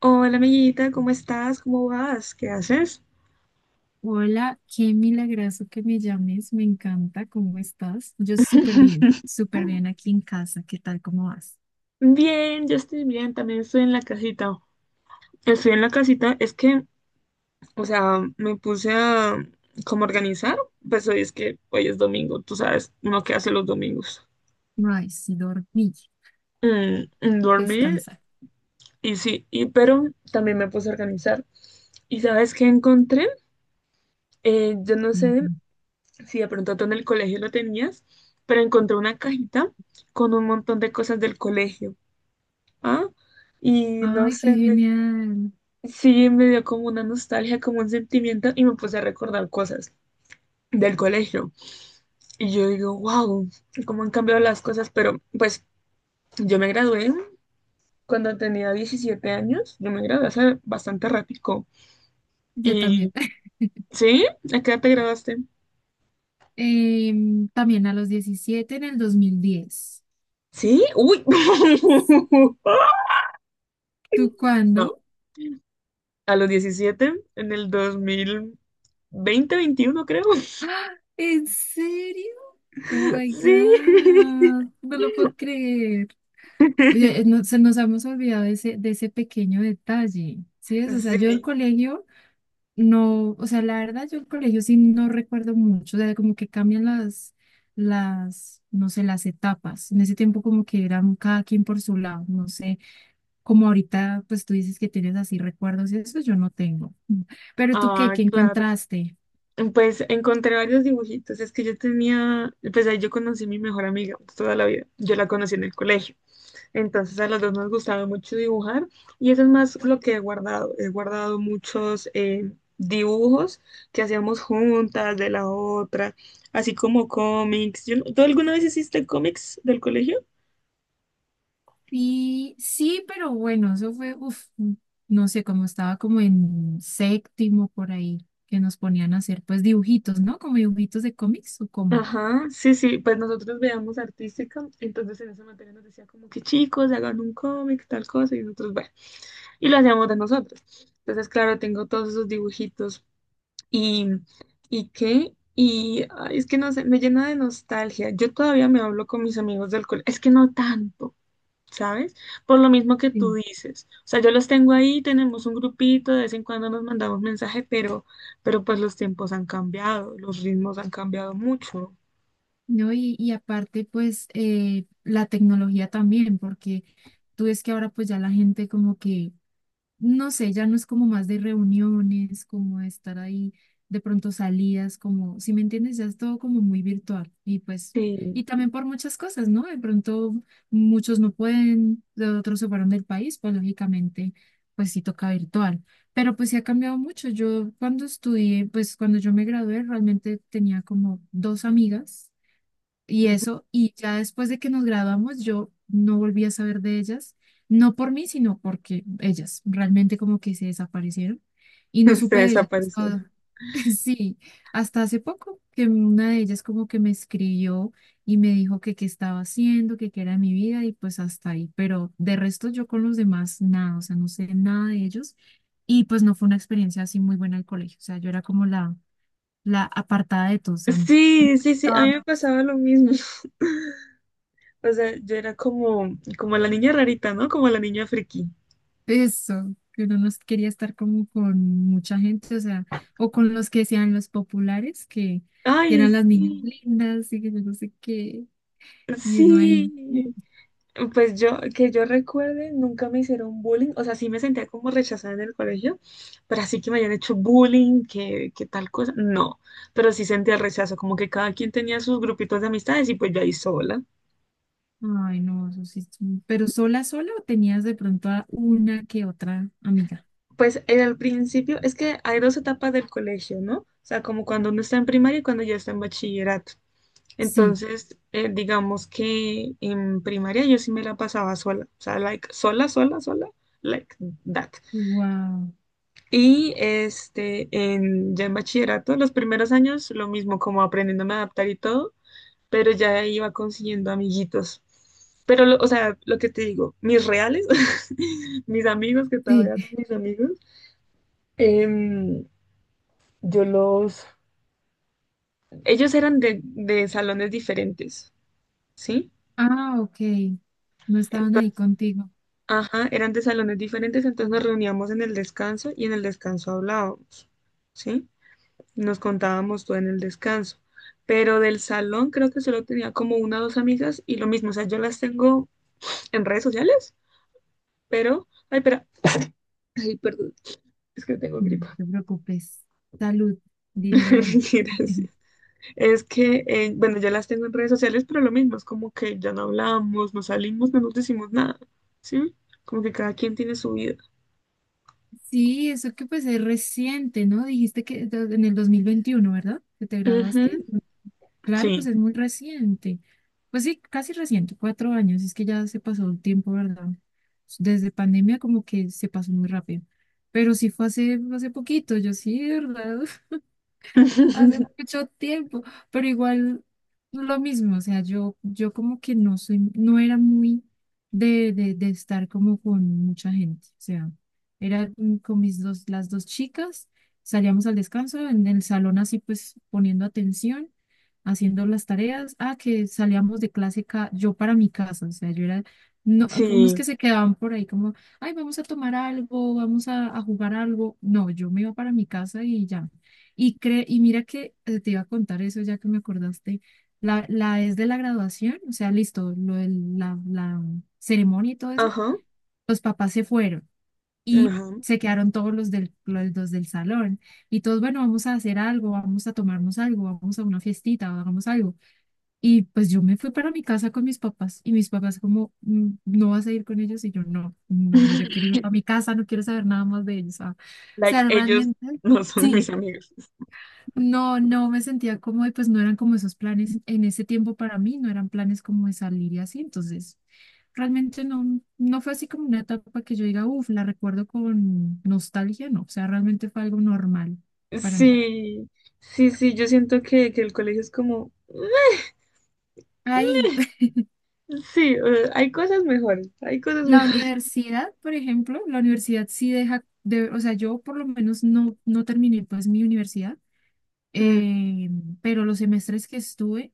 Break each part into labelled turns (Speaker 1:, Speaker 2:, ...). Speaker 1: Hola amiguita, ¿cómo estás? ¿Cómo vas? ¿Qué haces?
Speaker 2: Hola, qué milagroso que me llames, me encanta, ¿cómo estás? Yo súper bien aquí en casa, ¿qué tal, cómo vas?
Speaker 1: Bien, yo estoy bien, también estoy en la casita. Estoy en la casita, es que, o sea, me puse a como organizar, pues hoy es que hoy es domingo, tú sabes, uno que hace los domingos.
Speaker 2: Ay, sí, dormí,
Speaker 1: Mm, mm, dormir
Speaker 2: descansar.
Speaker 1: y sí, y pero también me puse a organizar. ¿Y sabes qué encontré? Yo no sé
Speaker 2: Ujú.
Speaker 1: si de pronto tú en el colegio lo tenías, pero encontré una cajita con un montón de cosas del colegio. Ah, y no
Speaker 2: Ay, qué
Speaker 1: sé,
Speaker 2: genial,
Speaker 1: sí me dio como una nostalgia, como un sentimiento y me puse a recordar cosas del colegio. Y yo digo, wow, cómo han cambiado las cosas, pero pues yo me gradué cuando tenía 17 años, yo me gradué hace bastante ratico.
Speaker 2: yo
Speaker 1: Y,
Speaker 2: también.
Speaker 1: ¿sí? ¿A qué edad te graduaste?
Speaker 2: También a los 17 en el 2010.
Speaker 1: ¿Sí? ¡Uy!
Speaker 2: ¿Tú
Speaker 1: No,
Speaker 2: cuándo?
Speaker 1: a los 17 en el dos mil veinte veintiuno creo.
Speaker 2: ¡Ah! ¿En serio? Oh my
Speaker 1: Sí.
Speaker 2: God, no lo puedo creer. Oye, se nos hemos olvidado de ese pequeño detalle, ¿sí es? O sea, yo del
Speaker 1: Sí,
Speaker 2: colegio. No, o sea, la verdad yo el colegio sí no recuerdo mucho, o sea, como que cambian las, no sé, las etapas. En ese tiempo como que eran cada quien por su lado, no sé, como ahorita pues tú dices que tienes así recuerdos y eso yo no tengo. Mm. Pero tú qué,
Speaker 1: ah,
Speaker 2: ¿qué
Speaker 1: claro.
Speaker 2: encontraste?
Speaker 1: Pues encontré varios dibujitos. Es que yo tenía, pues ahí yo conocí a mi mejor amiga toda la vida. Yo la conocí en el colegio. Entonces a las dos nos gustaba mucho dibujar y eso es más lo que he guardado. He guardado muchos dibujos que hacíamos juntas de la otra, así como cómics. Yo no- ¿Tú alguna vez hiciste cómics del colegio?
Speaker 2: Y sí, pero bueno, eso fue, no sé, como estaba como en séptimo por ahí, que nos ponían a hacer pues dibujitos, ¿no? Como dibujitos de cómics o cómo.
Speaker 1: Ajá, sí, sí, pues nosotros veíamos artística, entonces en esa materia nos decía como que chicos, hagan un cómic, tal cosa, y nosotros, bueno, y lo hacíamos de nosotros. Entonces, claro, tengo todos esos dibujitos y, ¿y qué? Y ay, es que no sé, me llena de nostalgia. Yo todavía me hablo con mis amigos del colegio, es que no tanto, ¿sabes? Por lo mismo que tú
Speaker 2: Sí.
Speaker 1: dices. O sea, yo los tengo ahí, tenemos un grupito, de vez en cuando nos mandamos mensaje, pero pues los tiempos han cambiado, los ritmos han cambiado mucho.
Speaker 2: No, y aparte, pues, la tecnología también, porque tú ves que ahora pues ya la gente como que, no sé, ya no es como más de reuniones, como de estar ahí, de pronto salidas, como, si me entiendes, ya es todo como muy virtual. Y pues,
Speaker 1: Sí,
Speaker 2: y también por muchas cosas, ¿no? De pronto muchos no pueden, de otros se fueron del país, pues lógicamente, pues sí toca virtual. Pero pues sí ha cambiado mucho. Yo cuando estudié, pues cuando yo me gradué, realmente tenía como dos amigas y eso, y ya después de que nos graduamos, yo no volví a saber de ellas, no por mí, sino porque ellas realmente como que se desaparecieron y no
Speaker 1: se
Speaker 2: supe de ellas
Speaker 1: desaparecieron.
Speaker 2: hasta, sí, hasta hace poco, que una de ellas como que me escribió y me dijo que qué estaba haciendo, que qué era mi vida y pues hasta ahí, pero de resto yo con los demás nada, o sea, no sé nada de ellos y pues no fue una experiencia así muy buena el colegio, o sea, yo era como la apartada de todos, o sea,
Speaker 1: Sí, sí, sí, a mí me pasaba lo mismo. O sea, yo era como, como la niña rarita, ¿no? Como la niña friki.
Speaker 2: eso, que uno no quería estar como con mucha gente, o sea, o con los que sean los populares, que
Speaker 1: Ay,
Speaker 2: eran las niñas
Speaker 1: sí,
Speaker 2: lindas y que yo no sé qué, y uno ahí,
Speaker 1: sí. Pues yo, que yo recuerde, nunca me hicieron bullying. O sea, sí me sentía como rechazada en el colegio, pero así que me hayan hecho bullying, que tal cosa, no. Pero sí sentía el rechazo, como que cada quien tenía sus grupitos de amistades y pues yo ahí sola.
Speaker 2: ay no, eso sí, es pero sola, sola o tenías de pronto a una que otra amiga.
Speaker 1: Pues en el principio, es que hay dos etapas del colegio, ¿no? O sea, como cuando uno está en primaria y cuando ya está en bachillerato.
Speaker 2: Sí,
Speaker 1: Entonces, digamos que en primaria yo sí me la pasaba sola, o sea, like, sola, sola, sola, like that.
Speaker 2: wow,
Speaker 1: Y este, ya en bachillerato, los primeros años, lo mismo, como aprendiéndome a adaptar y todo, pero ya iba consiguiendo amiguitos. Pero, o sea, lo que te digo, mis reales, mis amigos, que
Speaker 2: sí,
Speaker 1: todavía son mis amigos, em, yo los, ellos eran de salones diferentes, ¿sí?
Speaker 2: ah, ok, no estaban ahí contigo.
Speaker 1: Ajá, eran de salones diferentes, entonces nos reuníamos en el descanso y en el descanso hablábamos, ¿sí? Nos contábamos todo en el descanso. Pero del salón creo que solo tenía como una o dos amigas y lo mismo, o sea, yo las tengo en redes sociales, pero, ay, espera, ay, perdón, es que tengo
Speaker 2: No
Speaker 1: gripa.
Speaker 2: te preocupes, salud, dinero y amor.
Speaker 1: Gracias. Es que, bueno, yo las tengo en redes sociales, pero lo mismo, es como que ya no hablamos, no salimos, no nos decimos nada, ¿sí? Como que cada quien tiene su vida.
Speaker 2: Sí, eso que pues es reciente, ¿no? Dijiste que en el 2021, ¿verdad? Que te
Speaker 1: Ujú.
Speaker 2: graduaste. Claro, pues
Speaker 1: Sí.
Speaker 2: es muy reciente. Pues sí, casi reciente, 4 años. Es que ya se pasó el tiempo, ¿verdad? Desde pandemia como que se pasó muy rápido. Pero sí fue hace, hace poquito, yo sí, ¿verdad? Hace mucho tiempo, pero igual lo mismo, o sea, yo como que no soy, no era muy de estar como con mucha gente, o sea, era con mis dos, las dos chicas, salíamos al descanso en el salón así pues poniendo atención, haciendo las tareas, ah, que salíamos de yo para mi casa, o sea, yo era, no, unos que
Speaker 1: Sí.
Speaker 2: se quedaban por ahí como, ay, vamos a tomar algo, vamos a jugar algo, no, yo me iba para mi casa y ya. Y mira que te iba a contar eso ya que me acordaste. La Es de la graduación, o sea, listo, lo de la, la ceremonia y todo eso.
Speaker 1: Ajá,
Speaker 2: Los papás se fueron y
Speaker 1: ajá.
Speaker 2: se quedaron todos los dos del salón. Y todos, bueno, vamos a hacer algo, vamos a tomarnos algo, vamos a una fiestita, hagamos algo. Y pues yo me fui para mi casa con mis papás y mis papás como, "Mm, ¿no vas a ir con ellos?" Y yo, no, no, no, yo quiero irme para mi casa, no quiero saber nada más de ellos. Ah. O
Speaker 1: Like,
Speaker 2: sea,
Speaker 1: ellos
Speaker 2: realmente...
Speaker 1: no son
Speaker 2: Sí,
Speaker 1: mis amigos.
Speaker 2: no, no me sentía como de, pues no eran como esos planes en ese tiempo para mí, no eran planes como de salir y así, entonces realmente no, no fue así como una etapa que yo diga, uff, la recuerdo con nostalgia, no, o sea, realmente fue algo normal para mí.
Speaker 1: Sí, sí, sí, yo siento que el colegio es como,
Speaker 2: Ahí,
Speaker 1: sí, hay cosas mejores, hay cosas
Speaker 2: la
Speaker 1: mejores.
Speaker 2: universidad, por ejemplo, la universidad sí deja, de, o sea, yo por lo menos no, no terminé pues mi universidad,
Speaker 1: Mm,
Speaker 2: eh, pero los semestres que estuve,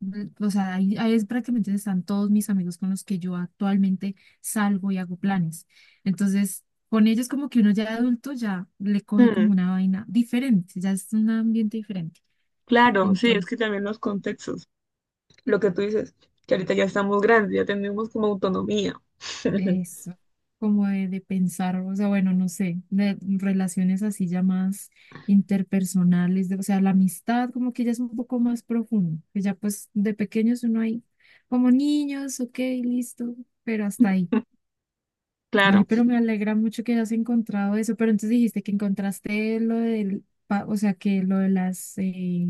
Speaker 2: mm, o sea, ahí es prácticamente donde están todos mis amigos con los que yo actualmente salgo y hago planes. Entonces, con ellos como que uno ya de adulto ya le coge como
Speaker 1: mm,
Speaker 2: una vaina diferente, ya es un ambiente diferente.
Speaker 1: claro, sí, es
Speaker 2: Entonces,
Speaker 1: que también los contextos, lo que tú dices, que ahorita ya estamos grandes, ya tenemos como autonomía.
Speaker 2: eso, como de pensar, o sea, bueno, no sé, de relaciones así ya más interpersonales, o sea, la amistad como que ya es un poco más profundo, que ya pues de pequeños uno ahí como niños, ok, listo, pero hasta ahí. Ay,
Speaker 1: Claro.
Speaker 2: pero me alegra mucho que hayas encontrado eso. Pero entonces dijiste que encontraste o sea, que lo de las,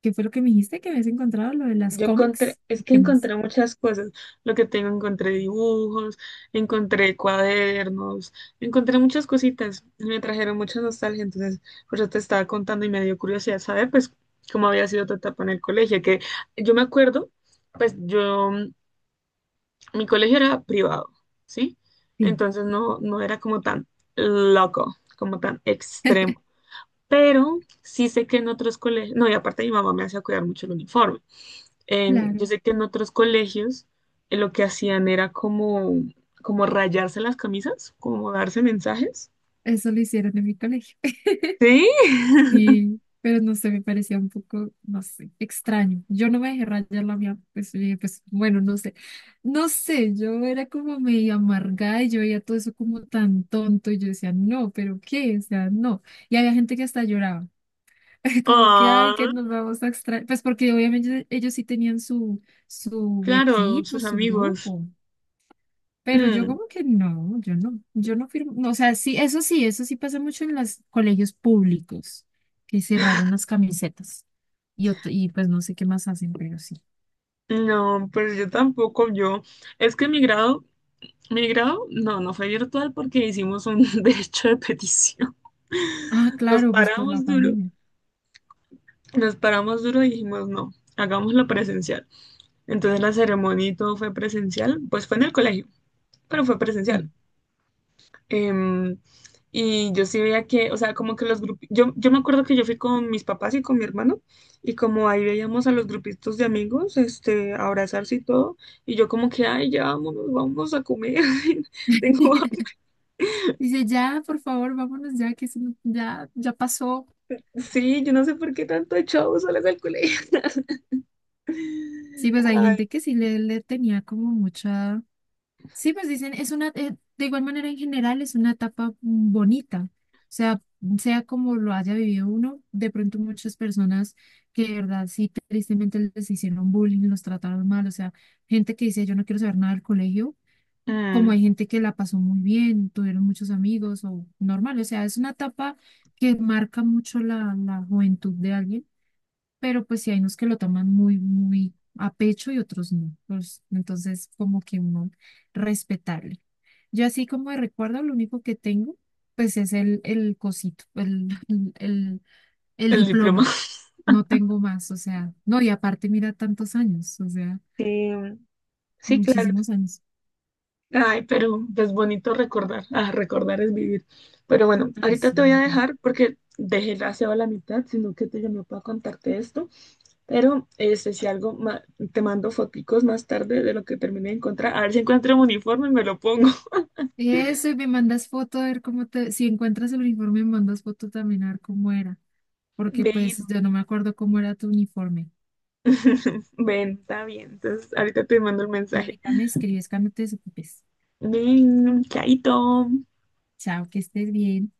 Speaker 2: ¿qué fue lo que me dijiste que habías encontrado? Lo de las
Speaker 1: Yo encontré,
Speaker 2: cómics.
Speaker 1: es
Speaker 2: ¿Y
Speaker 1: que
Speaker 2: qué más?
Speaker 1: encontré muchas cosas. Lo que tengo, encontré dibujos, encontré cuadernos, encontré muchas cositas. Me trajeron mucha nostalgia. Entonces, por eso te estaba contando y me dio curiosidad saber, pues, cómo había sido tu etapa en el colegio. Que yo me acuerdo, pues, yo, mi colegio era privado, ¿sí?
Speaker 2: Sí,
Speaker 1: Entonces, no, no era como tan loco, como tan extremo. Pero sí sé que en otros colegios, no, y aparte mi mamá me hacía cuidar mucho el uniforme yo
Speaker 2: claro,
Speaker 1: sé que en otros colegios lo que hacían era como, como rayarse las camisas, como darse mensajes.
Speaker 2: eso lo hicieron en mi colegio.
Speaker 1: Sí.
Speaker 2: Sí, pero no sé, me parecía un poco, no sé, extraño. Yo no me dejé rayar la mía, pues, yo dije, pues bueno, no sé. No sé, yo era como medio amargada y yo veía todo eso como tan tonto y yo decía, no, pero ¿qué? O sea, no. Y había gente que hasta lloraba. Como que, ay,
Speaker 1: Ah,
Speaker 2: que nos vamos a extraer. Pues porque obviamente ellos sí tenían su, su
Speaker 1: claro,
Speaker 2: equipo,
Speaker 1: sus
Speaker 2: su
Speaker 1: amigos.
Speaker 2: grupo. Pero yo
Speaker 1: Mm,
Speaker 2: como que no, yo no, yo no firmo. No, o sea, sí, eso sí, eso sí pasa mucho en los colegios públicos, que se rayan las camisetas. Y pues no sé qué más hacen, pero sí.
Speaker 1: no, pues yo tampoco, yo. Es que mi grado, no, no fue virtual porque hicimos un derecho de petición.
Speaker 2: Ah,
Speaker 1: Nos
Speaker 2: claro, pues por la
Speaker 1: paramos duro,
Speaker 2: pandemia.
Speaker 1: nos paramos duro y dijimos, no, hagámoslo presencial. Entonces la ceremonia y todo fue presencial, pues fue en el colegio, pero fue presencial.
Speaker 2: Sí.
Speaker 1: Em, y yo sí veía que, o sea, como que los grupos, yo me acuerdo que yo fui con mis papás y con mi hermano, y como ahí veíamos a los grupitos de amigos, este, abrazarse y todo, y yo como que, ay, ya vámonos, vamos a comer, tengo hambre.
Speaker 2: Dice, ya, por favor, vámonos ya, que eso ya, ya pasó.
Speaker 1: Sí, yo no sé por qué tanto echado solas al colegio.
Speaker 2: Sí, pues hay
Speaker 1: Ay,
Speaker 2: gente que sí le tenía como mucha. Sí, pues dicen, es una, de igual manera en general es una etapa bonita, o sea, sea como lo haya vivido uno, de pronto muchas personas que de verdad sí tristemente les hicieron bullying, los trataron mal, o sea, gente que dice yo no quiero saber nada del colegio, como
Speaker 1: mm,
Speaker 2: hay gente que la pasó muy bien, tuvieron muchos amigos o normal, o sea, es una etapa que marca mucho la juventud de alguien, pero pues sí hay unos que lo toman muy, muy a pecho y otros no. Pues, entonces, como que uno respetarle. Yo así como de recuerdo, lo único que tengo, pues es el cosito, el
Speaker 1: el diploma.
Speaker 2: diploma. No tengo más, o sea, no, y aparte mira tantos años, o sea,
Speaker 1: Sí, sí, claro.
Speaker 2: muchísimos años.
Speaker 1: Ay, pero pues bonito recordar. Ah, recordar es vivir. Pero bueno,
Speaker 2: Ay,
Speaker 1: ahorita
Speaker 2: sí,
Speaker 1: te voy
Speaker 2: me
Speaker 1: a
Speaker 2: encanta.
Speaker 1: dejar porque dejé el aseo a la mitad, sino que te llamé para contarte esto. Pero este, si algo, te mando foticos más tarde de lo que terminé de encontrar. A ver si encuentro un uniforme y me lo pongo.
Speaker 2: Eso, y me mandas foto a ver cómo te, si encuentras el uniforme, me mandas foto también a ver cómo era, porque
Speaker 1: Ven,
Speaker 2: pues yo no me acuerdo cómo era tu uniforme.
Speaker 1: ven, está bien. Entonces, ahorita te mando el mensaje.
Speaker 2: Ahorita me escribes cuando te desocupes.
Speaker 1: Ven, chaito.
Speaker 2: Chao, que estés bien.